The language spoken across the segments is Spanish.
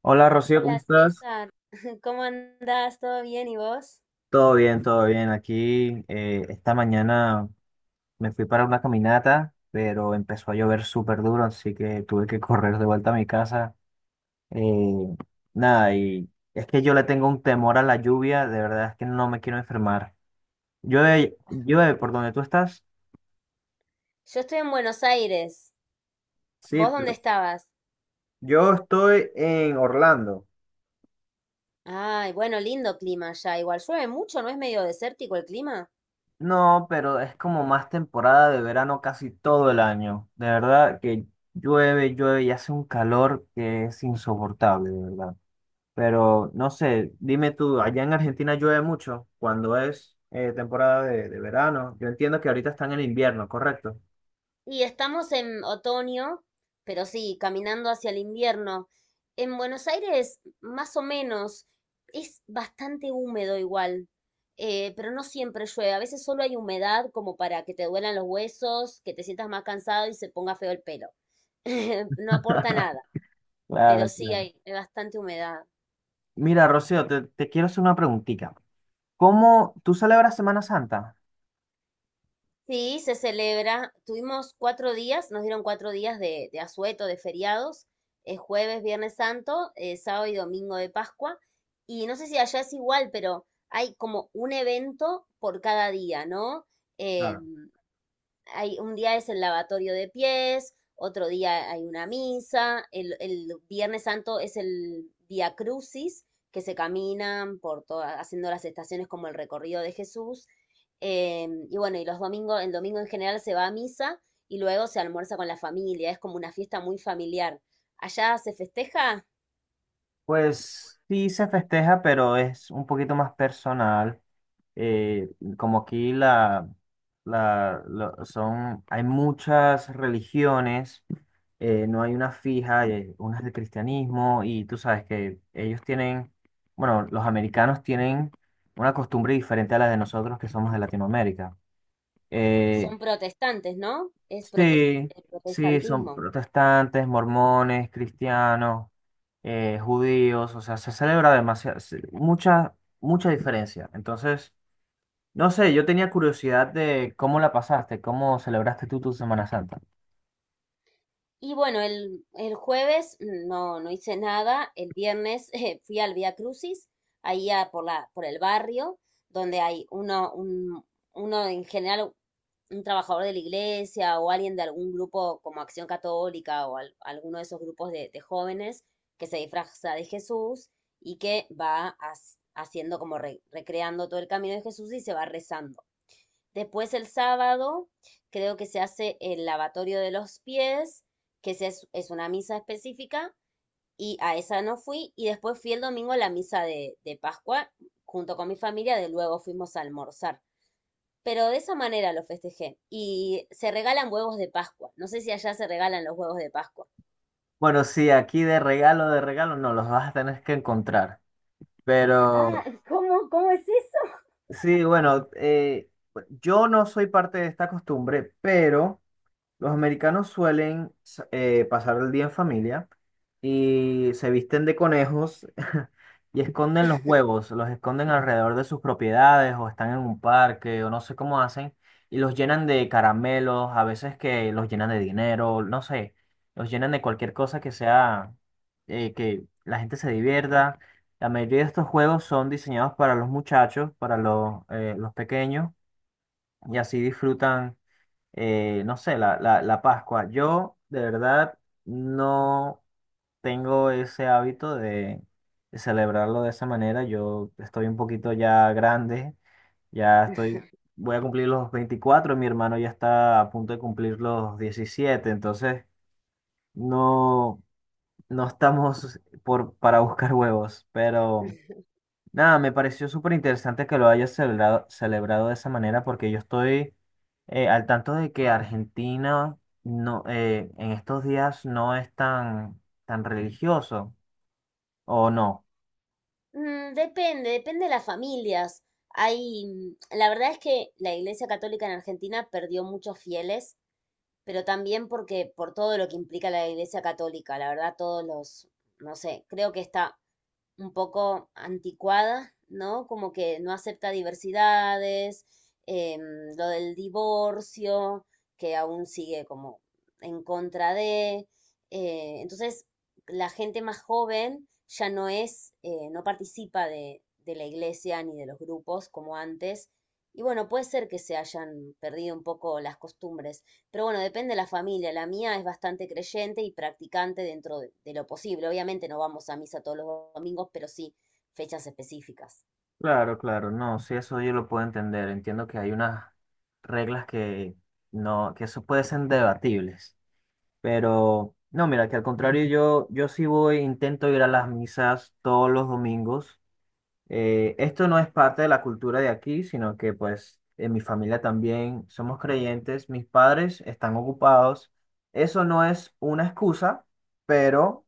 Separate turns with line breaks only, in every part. Hola Rocío, ¿cómo
Hola
estás?
César, ¿cómo andás? ¿Todo bien? ¿Y vos?
Todo bien, todo bien. Aquí esta mañana me fui para una caminata, pero empezó a llover súper duro, así que tuve que correr de vuelta a mi casa. Eh, Nada, y es que yo le tengo un temor a la lluvia, de verdad es que no me quiero enfermar. Llueve, llueve por donde tú estás.
Yo estoy en Buenos Aires.
Sí,
¿Vos dónde
pero
estabas?
yo estoy en Orlando.
Ay, bueno, lindo clima ya. Igual llueve mucho, ¿no es medio desértico el clima?
No, pero es como más temporada de verano casi todo el año. De verdad que llueve, llueve y hace un calor que es insoportable, de verdad. Pero no sé, dime tú, allá en Argentina llueve mucho cuando es temporada de verano. Yo entiendo que ahorita están en invierno, ¿correcto?
Y estamos en otoño, pero sí, caminando hacia el invierno. En Buenos Aires, más o menos, es bastante húmedo igual, pero no siempre llueve. A veces solo hay humedad como para que te duelan los huesos, que te sientas más cansado y se ponga feo el pelo. No aporta nada. Pero
Claro,
sí
claro.
hay bastante humedad.
Mira, Rocío, te quiero hacer una preguntita. ¿Cómo tú celebras Semana Santa?
Sí, se celebra. Tuvimos cuatro días, nos dieron cuatro días de asueto, de feriados, jueves, viernes santo, sábado y domingo de Pascua. Y no sé si allá es igual, pero hay como un evento por cada día, ¿no? Eh, hay, un día es el lavatorio de pies, otro día hay una misa, el Viernes Santo es el Via Crucis, que se caminan por todas haciendo las estaciones como el recorrido de Jesús. Y bueno, y los domingos, el domingo en general se va a misa y luego se almuerza con la familia, es como una fiesta muy familiar. Allá se festeja,
Pues sí se festeja, pero es un poquito más personal. Eh, como aquí la, la, lo- Son, hay muchas religiones, no hay una fija, una es del cristianismo y tú sabes que ellos tienen, bueno, los americanos tienen una costumbre diferente a la de nosotros que somos de Latinoamérica. Eh,
son protestantes, ¿no?
Sí,
El
sí, son
protestantismo.
protestantes, mormones, cristianos, judíos, o sea, se celebra demasiado, mucha diferencia. Entonces, no sé, yo tenía curiosidad de cómo la pasaste, cómo celebraste tú tu Semana Santa.
Y bueno, el jueves no, no hice nada. El viernes fui al Vía Crucis, ahí a por la, por el barrio, donde hay uno en general, un trabajador de la iglesia o alguien de algún grupo como Acción Católica o alguno de esos grupos de jóvenes que se disfraza de Jesús y que va haciendo como recreando todo el camino de Jesús y se va rezando. Después el sábado creo que se hace el lavatorio de los pies, que es una misa específica, y a esa no fui. Y después fui el domingo a la misa de Pascua junto con mi familia, de luego fuimos a almorzar. Pero de esa manera lo festejé. Y se regalan huevos de Pascua. No sé si allá se regalan los huevos de Pascua.
Bueno, sí, aquí de regalo, no, los vas a tener que encontrar.
Ah,
Pero,
¿cómo, cómo es eso?
sí, bueno, yo no soy parte de esta costumbre, pero... Los americanos suelen pasar el día en familia y se visten de conejos y esconden los huevos, los esconden alrededor de sus propiedades o están en un parque o no sé cómo hacen y los llenan de caramelos, a veces que los llenan de dinero, no sé, los llenan de cualquier cosa que sea que la gente se divierta. La mayoría de estos juegos son diseñados para los muchachos, para los pequeños y así disfrutan no sé, la Pascua. Yo de verdad no tengo ese hábito de celebrarlo de esa manera. Yo estoy un poquito ya grande, ya estoy, voy a cumplir los 24, mi hermano ya está a punto de cumplir los 17, entonces no, no estamos por, para buscar huevos, pero... Nada, me pareció súper interesante que lo hayas celebrado, celebrado de esa manera porque yo estoy al tanto de que Argentina no, en estos días no es tan, tan religioso, ¿o no?
Mm, depende, depende de las familias. Hay, mm, la verdad es que la Iglesia Católica en Argentina perdió muchos fieles, pero también porque por todo lo que implica la Iglesia Católica, la verdad, todos los, no sé, creo que está un poco anticuada, ¿no? Como que no acepta diversidades, em, lo del divorcio, que aún sigue como en contra de. Entonces, la gente más joven ya no es, no participa de la iglesia ni de los grupos como antes. Y bueno, puede ser que se hayan perdido un poco las costumbres. Pero bueno, depende de la familia. La mía es bastante creyente y practicante dentro de lo posible. Obviamente no vamos a misa todos los domingos, pero sí fechas específicas.
Claro, claro, no, sí, eso yo lo puedo entender. Entiendo que hay unas reglas que no, que eso puede ser debatibles. Pero no, mira, que al contrario, yo sí voy, intento ir a las misas todos los domingos. Esto no es parte de la cultura de aquí, sino que pues en mi familia también somos creyentes, mis padres están ocupados. Eso no es una excusa, pero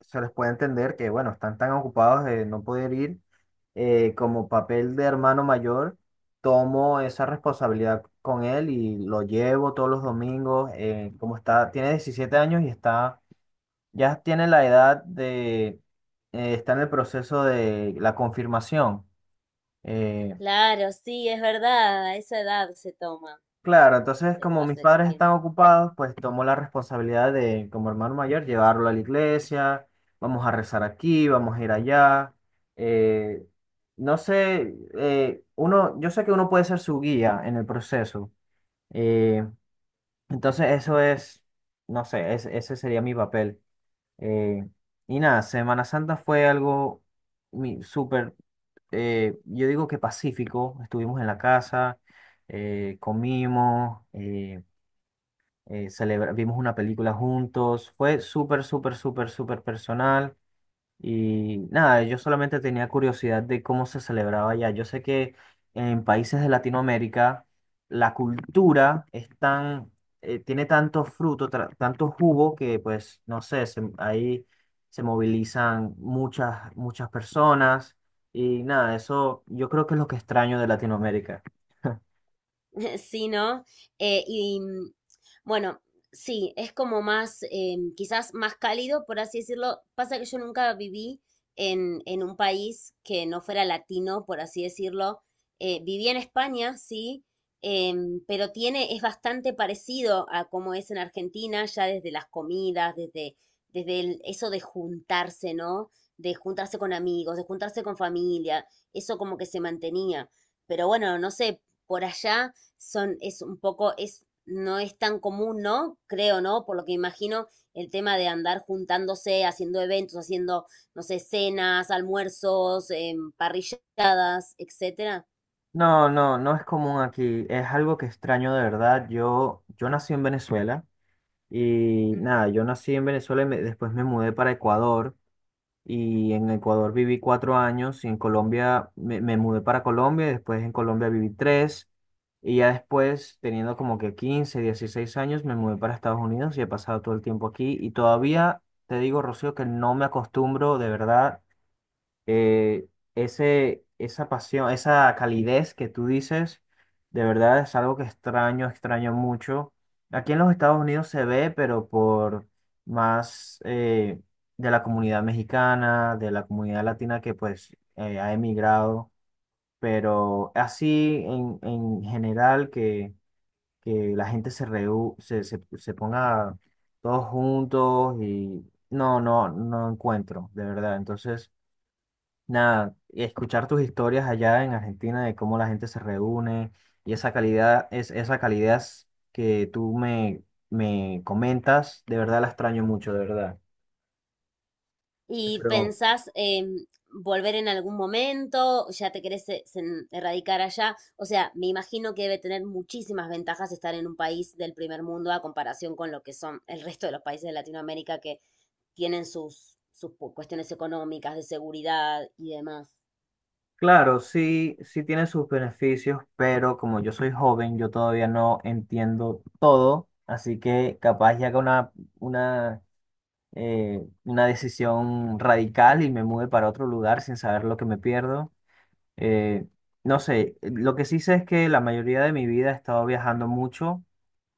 se les puede entender que, bueno, están tan ocupados de no poder ir. Como papel de hermano mayor, tomo esa responsabilidad con él y lo llevo todos los domingos. Como está, tiene 17 años y está, ya tiene la edad de, está en el proceso de la confirmación. Eh,
Claro, sí, es verdad, a esa edad se toma.
claro, entonces
Se,
como mis
Se
padres están
confirma.
ocupados, pues tomo la responsabilidad de, como hermano mayor, llevarlo a la iglesia, vamos a rezar aquí, vamos a ir allá. Eh, no sé, uno, yo sé que uno puede ser su guía en el proceso. eh, entonces eso es, no sé, ese sería mi papel. Eh, y nada, Semana Santa fue algo súper, yo digo que pacífico. Estuvimos en la casa, comimos, vimos una película juntos. Fue súper personal. Y nada, yo solamente tenía curiosidad de cómo se celebraba allá. Yo sé que en países de Latinoamérica la cultura es tan, tiene tanto fruto, tanto jugo que pues, no sé, ahí se movilizan muchas, muchas personas. Y nada, eso yo creo que es lo que extraño de Latinoamérica.
Sí, ¿no? Eh, y mm, bueno, sí, es como más, quizás más cálido, por así decirlo. Pasa que yo nunca viví en un país que no fuera latino, por así decirlo. Viví en España, sí, pero tiene, es bastante parecido a cómo es en Argentina, ya desde las comidas, desde, eso de juntarse, ¿no? De juntarse con amigos, de juntarse con familia, eso como que se mantenía. Pero bueno, no sé, por allá son, es un poco, es, no es tan común, ¿no? Creo, ¿no? Por lo que imagino, el tema de andar juntándose, haciendo eventos, haciendo, no sé, cenas, almuerzos, parrilladas, etcétera.
No, no, no es común aquí. Es algo que extraño de verdad. Yo nací en Venezuela. Y
Ujú.
nada, yo nací en Venezuela después me mudé para Ecuador. Y en Ecuador viví 4 años y en Colombia me mudé para Colombia y después en Colombia viví 3 y ya después teniendo como que 15, 16 años me mudé para Estados Unidos y he pasado todo el tiempo aquí y todavía te digo, Rocío, que no me acostumbro de verdad eh, esa pasión, esa calidez que tú dices, de verdad es algo que extraño, extraño mucho. Aquí en los Estados Unidos se ve, pero por más de la comunidad mexicana, de la comunidad latina que pues ha emigrado, pero así en general que la gente se, reú- se ponga todos juntos y no, no, no encuentro, de verdad. Entonces... Nada, escuchar tus historias allá en Argentina de cómo la gente se reúne y esa calidad, es, esa calidez que tú me comentas, de verdad la extraño mucho, de verdad.
¿Y
Pero
pensás volver en algún momento? ¿Ya te querés erradicar allá? O sea, me imagino que debe tener muchísimas ventajas estar en un país del primer mundo a comparación con lo que son el resto de los países de Latinoamérica que tienen sus, cuestiones económicas, de seguridad y demás.
claro, sí, sí tiene sus beneficios, pero como yo soy joven, yo todavía no entiendo todo, así que capaz ya haga una, una decisión radical y me mude para otro lugar sin saber lo que me pierdo. Eh, no sé, lo que sí sé es que la mayoría de mi vida he estado viajando mucho.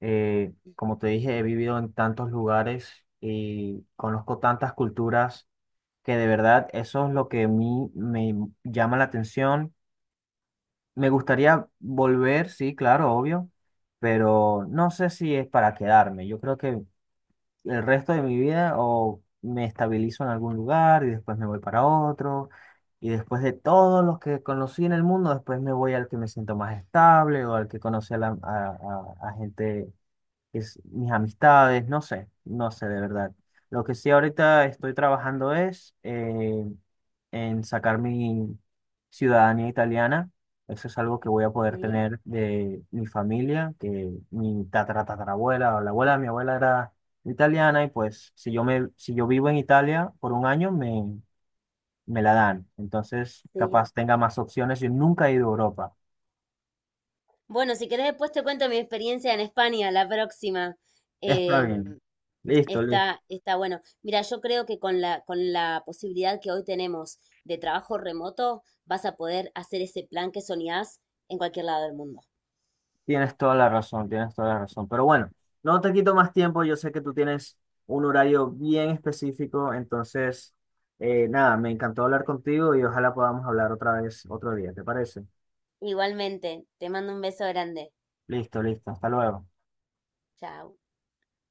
Como te dije, he vivido en tantos lugares y conozco tantas culturas que de verdad eso es lo que a mí me llama la atención. Me gustaría volver, sí, claro, obvio, pero no sé si es para quedarme. Yo creo que el resto de mi vida o me estabilizo en algún lugar y después me voy para otro y después de todos los que conocí en el mundo, después me voy al que me siento más estable o al que conoce a, la- a gente es mis amistades, no sé, no sé de verdad. Lo que sí ahorita estoy trabajando es en sacar mi ciudadanía italiana. Eso es algo que voy a poder
Sí,
tener de mi familia, que mi tatara tatarabuela o la abuela de mi abuela era italiana y pues si yo vivo en Italia por 1 año me la dan. Entonces,
sí.
capaz tenga más opciones. Yo nunca he ido a Europa.
Bueno, si querés después te cuento mi experiencia en España, la próxima.
Está
Em,
bien. Listo, listo.
Está, está bueno. Mira, yo creo que con la posibilidad que hoy tenemos de trabajo remoto, vas a poder hacer ese plan que soñás en cualquier lado del mundo.
Tienes toda la razón, tienes toda la razón. Pero bueno, no te quito más tiempo. Yo sé que tú tienes un horario bien específico. Entonces, nada, me encantó hablar contigo y ojalá podamos hablar otra vez otro día. ¿Te parece?
Igualmente, te mando un beso grande.
Listo, listo. Hasta luego.
Chao.